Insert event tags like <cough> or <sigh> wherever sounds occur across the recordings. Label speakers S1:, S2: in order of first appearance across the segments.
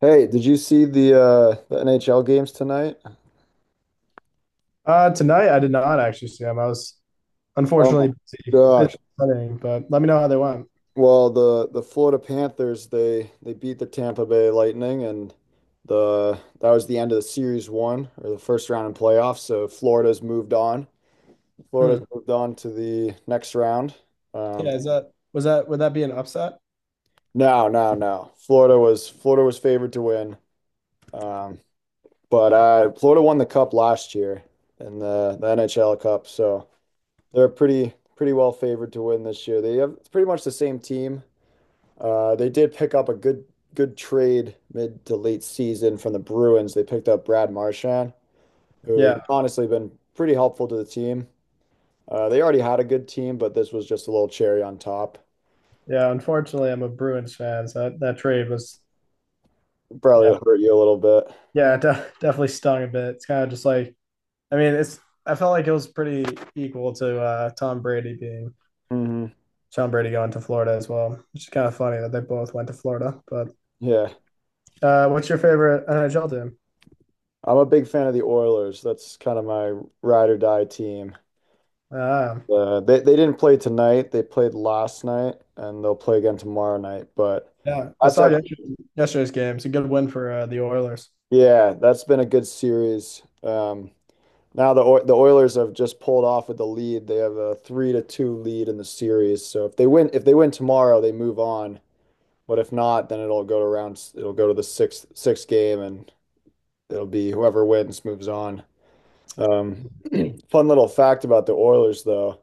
S1: Hey, did you see the NHL games tonight?
S2: Tonight I did not actually see them. I was
S1: Oh my
S2: unfortunately busy
S1: gosh.
S2: studying, but let me know how they went.
S1: Well, the Florida Panthers they beat the Tampa Bay Lightning, and the that was the end of the series one, or the first round in playoffs. So Florida's moved on. Florida's
S2: Hmm.
S1: moved on to the next round. Um
S2: Yeah, is that was that would that be an upset?
S1: no, no, no. Florida was favored to win. Um but Florida won the cup last year in the NHL Cup, so they're pretty well favored to win this year. They have It's pretty much the same team. They did pick up a good trade mid to late season from the Bruins. They picked up Brad Marchand, who
S2: Yeah,
S1: honestly been pretty helpful to the team. They already had a good team, but this was just a little cherry on top.
S2: yeah, unfortunately, I'm a Bruins fan, so that trade was
S1: Probably
S2: yeah,
S1: hurt you a little bit.
S2: definitely stung a bit. It's kind of just like, I mean, it's I felt like it was pretty equal to
S1: Mm hmm
S2: Tom Brady going to Florida as well, which is kind of funny that they both went to Florida. But
S1: Yeah,
S2: what's your favorite NHL team?
S1: I'm a big fan of the Oilers. That's kind of my ride or die team.
S2: Uh,
S1: They didn't play tonight. They played last night, and they'll play again tomorrow night. But
S2: yeah, I
S1: that's
S2: saw
S1: actually
S2: yesterday's game. It's a good win for the Oilers.
S1: Yeah, that's been a good series. Now the Oil the Oilers have just pulled off with the lead. They have a 3-2 lead in the series. So if they win tomorrow, they move on. But if not, then it'll go to rounds. It'll go to the sixth game, and it'll be whoever wins moves on. Um, Fun little fact about the Oilers, though.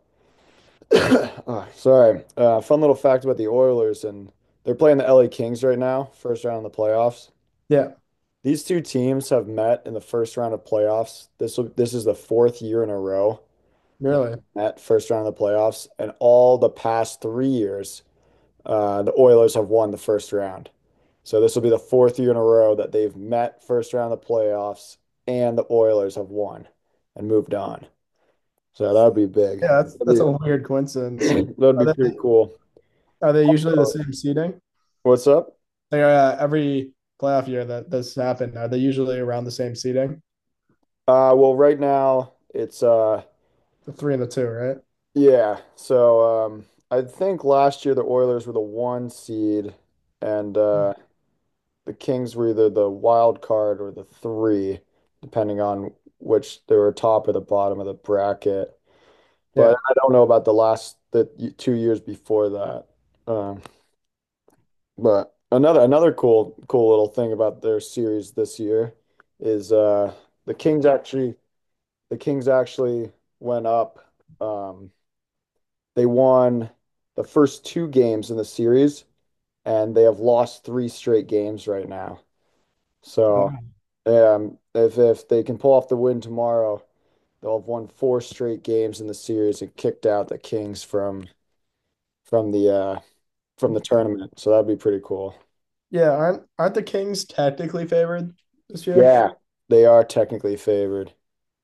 S1: <coughs> Oh, sorry. Fun little fact about the Oilers, and they're playing the LA Kings right now, first round of the playoffs.
S2: Yeah,
S1: These two teams have met in the first round of playoffs. This is the fourth year in a row that
S2: really.
S1: they met first round of the playoffs, and all the past 3 years, the Oilers have won the first round. So this will be the fourth year in a row that they've met first round of the playoffs, and the Oilers have won and moved on. So that would be big.
S2: Yeah, that's
S1: That'd
S2: a weird coincidence.
S1: <clears throat> that'd
S2: Are
S1: be
S2: they
S1: pretty cool.
S2: are they usually the same seating?
S1: What's up?
S2: They are every playoff year that this happened. Are they usually around the same seating?
S1: Well, right now it's.
S2: The three and the two, right?
S1: Yeah. So I think last year the Oilers were the one seed, and the Kings were either the wild card or the three, depending on which they were, top or the bottom of the bracket. But
S2: Yeah.
S1: I don't know about the last the y- 2 years before that. Um, but another cool little thing about their series this year is the Kings actually the Kings actually went up. Um, They won the first two games in the series, and they have lost three straight games right now. So, if they can pull off the win tomorrow, they'll have won four straight games in the series and kicked out the Kings from the uh from the tournament. So that'd be pretty cool.
S2: Yeah, aren't the Kings tactically favored this year?
S1: Yeah, they are technically favored.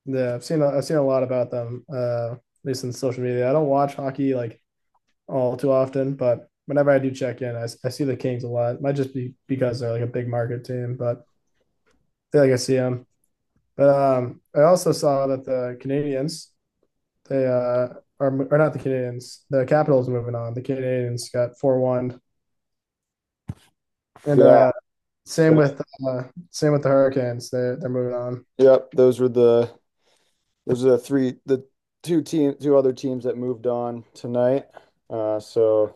S2: Yeah, I've seen a lot about them, at least in social media. I don't watch hockey like all too often, but whenever I do check in, I see the Kings a lot. It might just be because they're like a big market team, but I feel like I see them. But I also saw that the Canadians they are or not the Canadians, the Capitals are moving on. The Canadians got 4-1, and
S1: Yeah.
S2: same
S1: the-
S2: with uh, same with the Hurricanes. They're moving on.
S1: yep. Those were the those are the three the Two other teams that moved on tonight. So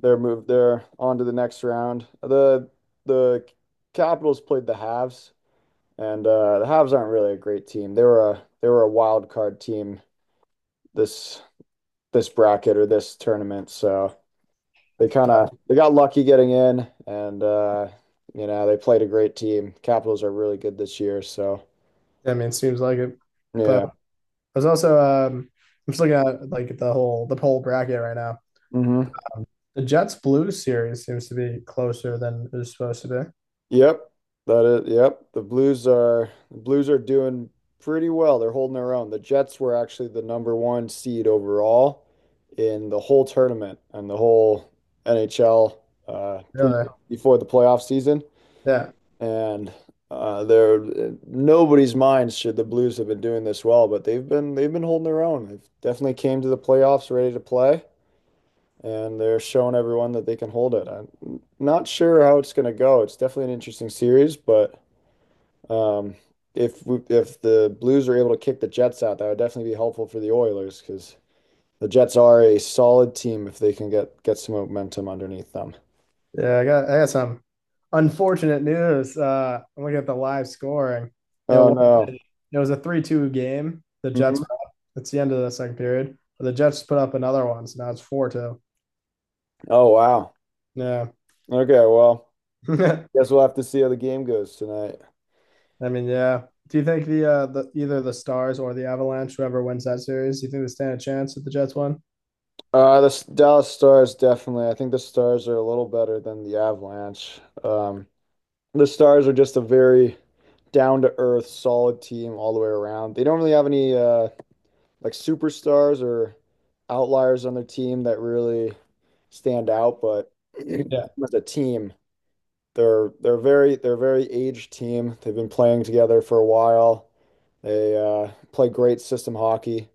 S1: they're on to the next round. The Capitals played the Habs, and the Habs aren't really a great team. They were a wild card team this this bracket or this tournament. So they kind of they got lucky getting in, and they played a great team. Capitals are really good this year, so
S2: I mean, it seems like it, but.
S1: yeah.
S2: Was also I'm just looking at like the whole bracket right now.
S1: Hmm.
S2: The Jets Blues series seems to be closer than it was supposed to be.
S1: Yep, that is. Yep, the Blues are doing pretty well. They're holding their own. The Jets were actually the number one seed overall in the whole tournament and the whole NHL pre
S2: Really?
S1: before the playoff season.
S2: Yeah.
S1: And they're, in nobody's mind should the Blues have been doing this well, but they've been holding their own. They've definitely came to the playoffs ready to play, and they're showing everyone that they can hold it. I'm not sure how it's going to go. It's definitely an interesting series, but. Um, if the Blues are able to kick the Jets out, that would definitely be helpful for the Oilers, because the Jets are a solid team if they can get some momentum underneath them.
S2: Yeah, I got some unfortunate news. I'm looking at the live scoring. You
S1: Oh
S2: know,
S1: no.
S2: it was a 3-2 game. The Jets
S1: Hmm.
S2: put up — it's the end of the second period. But the Jets put up another one, so now it's 4-2.
S1: Oh wow.
S2: Yeah.
S1: Okay, well,
S2: <laughs>
S1: guess we'll have to see how the game goes tonight.
S2: I mean, yeah. Do you think the either the Stars or the Avalanche, whoever wins that series, do you think they stand a chance if the Jets win?
S1: The Dallas Stars definitely. I think the Stars are a little better than the Avalanche. The Stars are just a very down to earth, solid team all the way around. They don't really have any like superstars or outliers on their team that really stand out, but <clears throat>
S2: Yeah.
S1: as a team, they're a very aged team. They've been playing together for a while. They play great system hockey,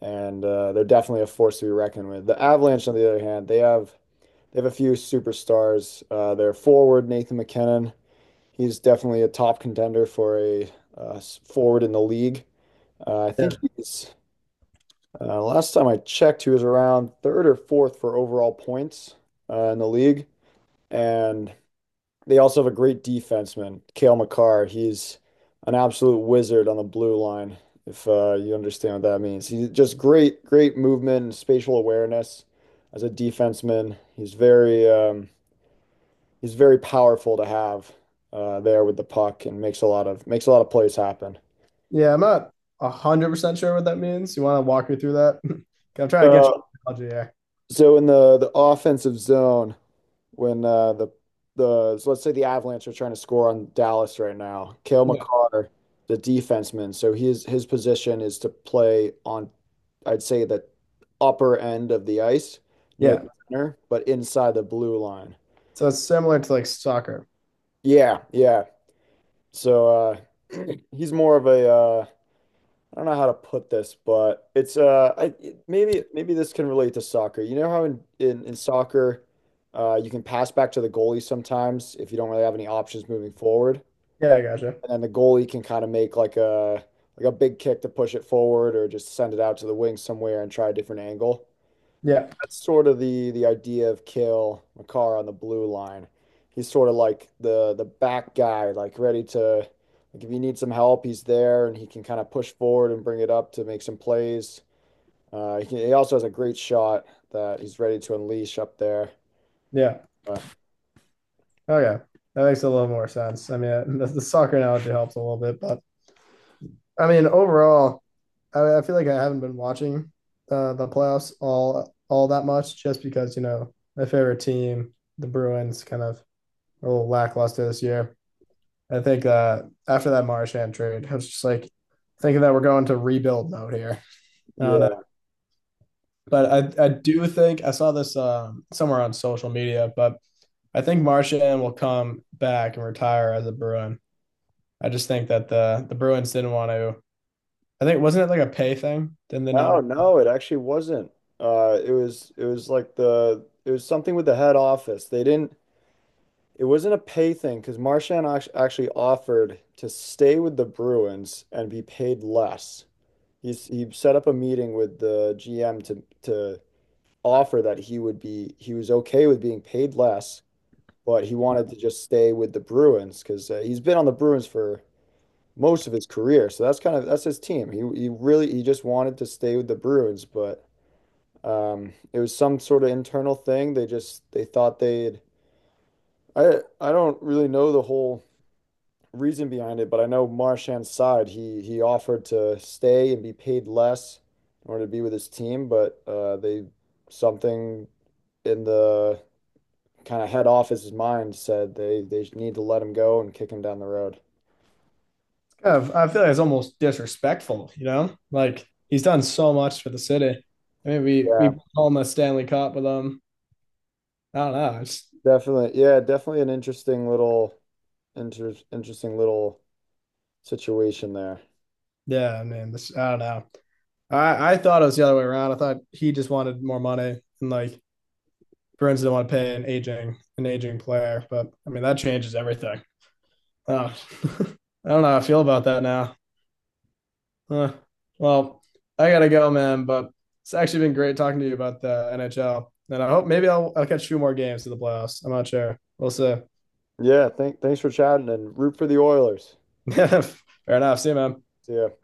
S1: and they're definitely a force to be reckoned with. The Avalanche, on the other hand, they have a few superstars. Their forward Nathan McKinnon, he's definitely a top contender for a uh, forward in the league. I think
S2: Yeah.
S1: he's Last time I checked, he was around third or fourth for overall points, in the league. And they also have a great defenseman, Cale Makar. He's an absolute wizard on the blue line, if you understand what that means. He's just great, great movement and spatial awareness as a defenseman. He's very powerful to have there with the puck, and makes a lot of plays happen.
S2: Yeah, I'm not 100% sure what that means. You want to walk me through that? <laughs> 'Cause I'm trying to get
S1: So,
S2: your analogy here.
S1: so, in the offensive zone, when the so let's say the Avalanche are trying to score on Dallas right now. Cale
S2: Yeah.
S1: Makar, the defenseman, so his position is to play on, I'd say, the upper end of the ice near the
S2: Yeah.
S1: center, but inside the blue line.
S2: So it's similar to like soccer.
S1: Yeah, yeah. So <clears throat> he's more of a, I don't know how to put this, but it's maybe this can relate to soccer. You know how in soccer you can pass back to the goalie sometimes if you don't really have any options moving forward.
S2: Yeah, I gotcha.
S1: And then the goalie can kind of make like a big kick to push it forward, or just send it out to the wing somewhere and try a different angle.
S2: Yeah.
S1: That's sort of the idea of kill McCarr on the blue line. He's sort of like the back guy, like ready to, like, if you need some help, he's there, and he can kind of push forward and bring it up to make some plays. He also has a great shot that he's ready to unleash up there.
S2: Yeah.
S1: But
S2: Okay. That makes a little more sense. I mean, <laughs> the soccer analogy helps a little bit, but I mean, overall, I feel like I haven't been watching the playoffs all that much, just because you know my favorite team, the Bruins, kind of a little lackluster this year. I think after that Marchand trade, I was just like thinking that we're going to rebuild mode here. I don't know,
S1: yeah,
S2: but I do think I saw this somewhere on social media, but I think Marchand will come back and retire as a Bruin. I just think that the Bruins didn't want to. I think wasn't it like a pay thing? Didn't they not
S1: no, no, it actually wasn't. It was something with the head office. They didn't It wasn't a pay thing, because Marchand actually offered to stay with the Bruins and be paid less. He set up a meeting with the GM to offer that he would be he was okay with being paid less, but he wanted to just stay with the Bruins because he's been on the Bruins for most of his career. So that's kind of that's his team. He really he just wanted to stay with the Bruins, but it was some sort of internal thing. They just they thought they'd I don't really know the whole reason behind it, but I know Marchand's side, he offered to stay and be paid less in order to be with his team, but they, something in the kind of head office's mind said they need to let him go and kick him down the road.
S2: of, I feel like it's almost disrespectful, you know? Like he's done so much for the city. I mean,
S1: Yeah,
S2: we home a Stanley Cup with him. I don't know. It's
S1: definitely. Yeah, definitely an interesting little inter interesting little situation there.
S2: yeah, man. This I don't know. I thought it was the other way around. I thought he just wanted more money, and like Bruins didn't want to pay an aging player. But I mean, that changes everything. Oh, <laughs> I don't know how I feel about that now. Uh, well, I gotta go, man. But it's actually been great talking to you about the NHL, and I hope maybe I'll catch two more games in the playoffs. I'm not sure. We'll see.
S1: Yeah, thanks for chatting, and root for the Oilers.
S2: <laughs> Fair enough. See you, man.
S1: See ya.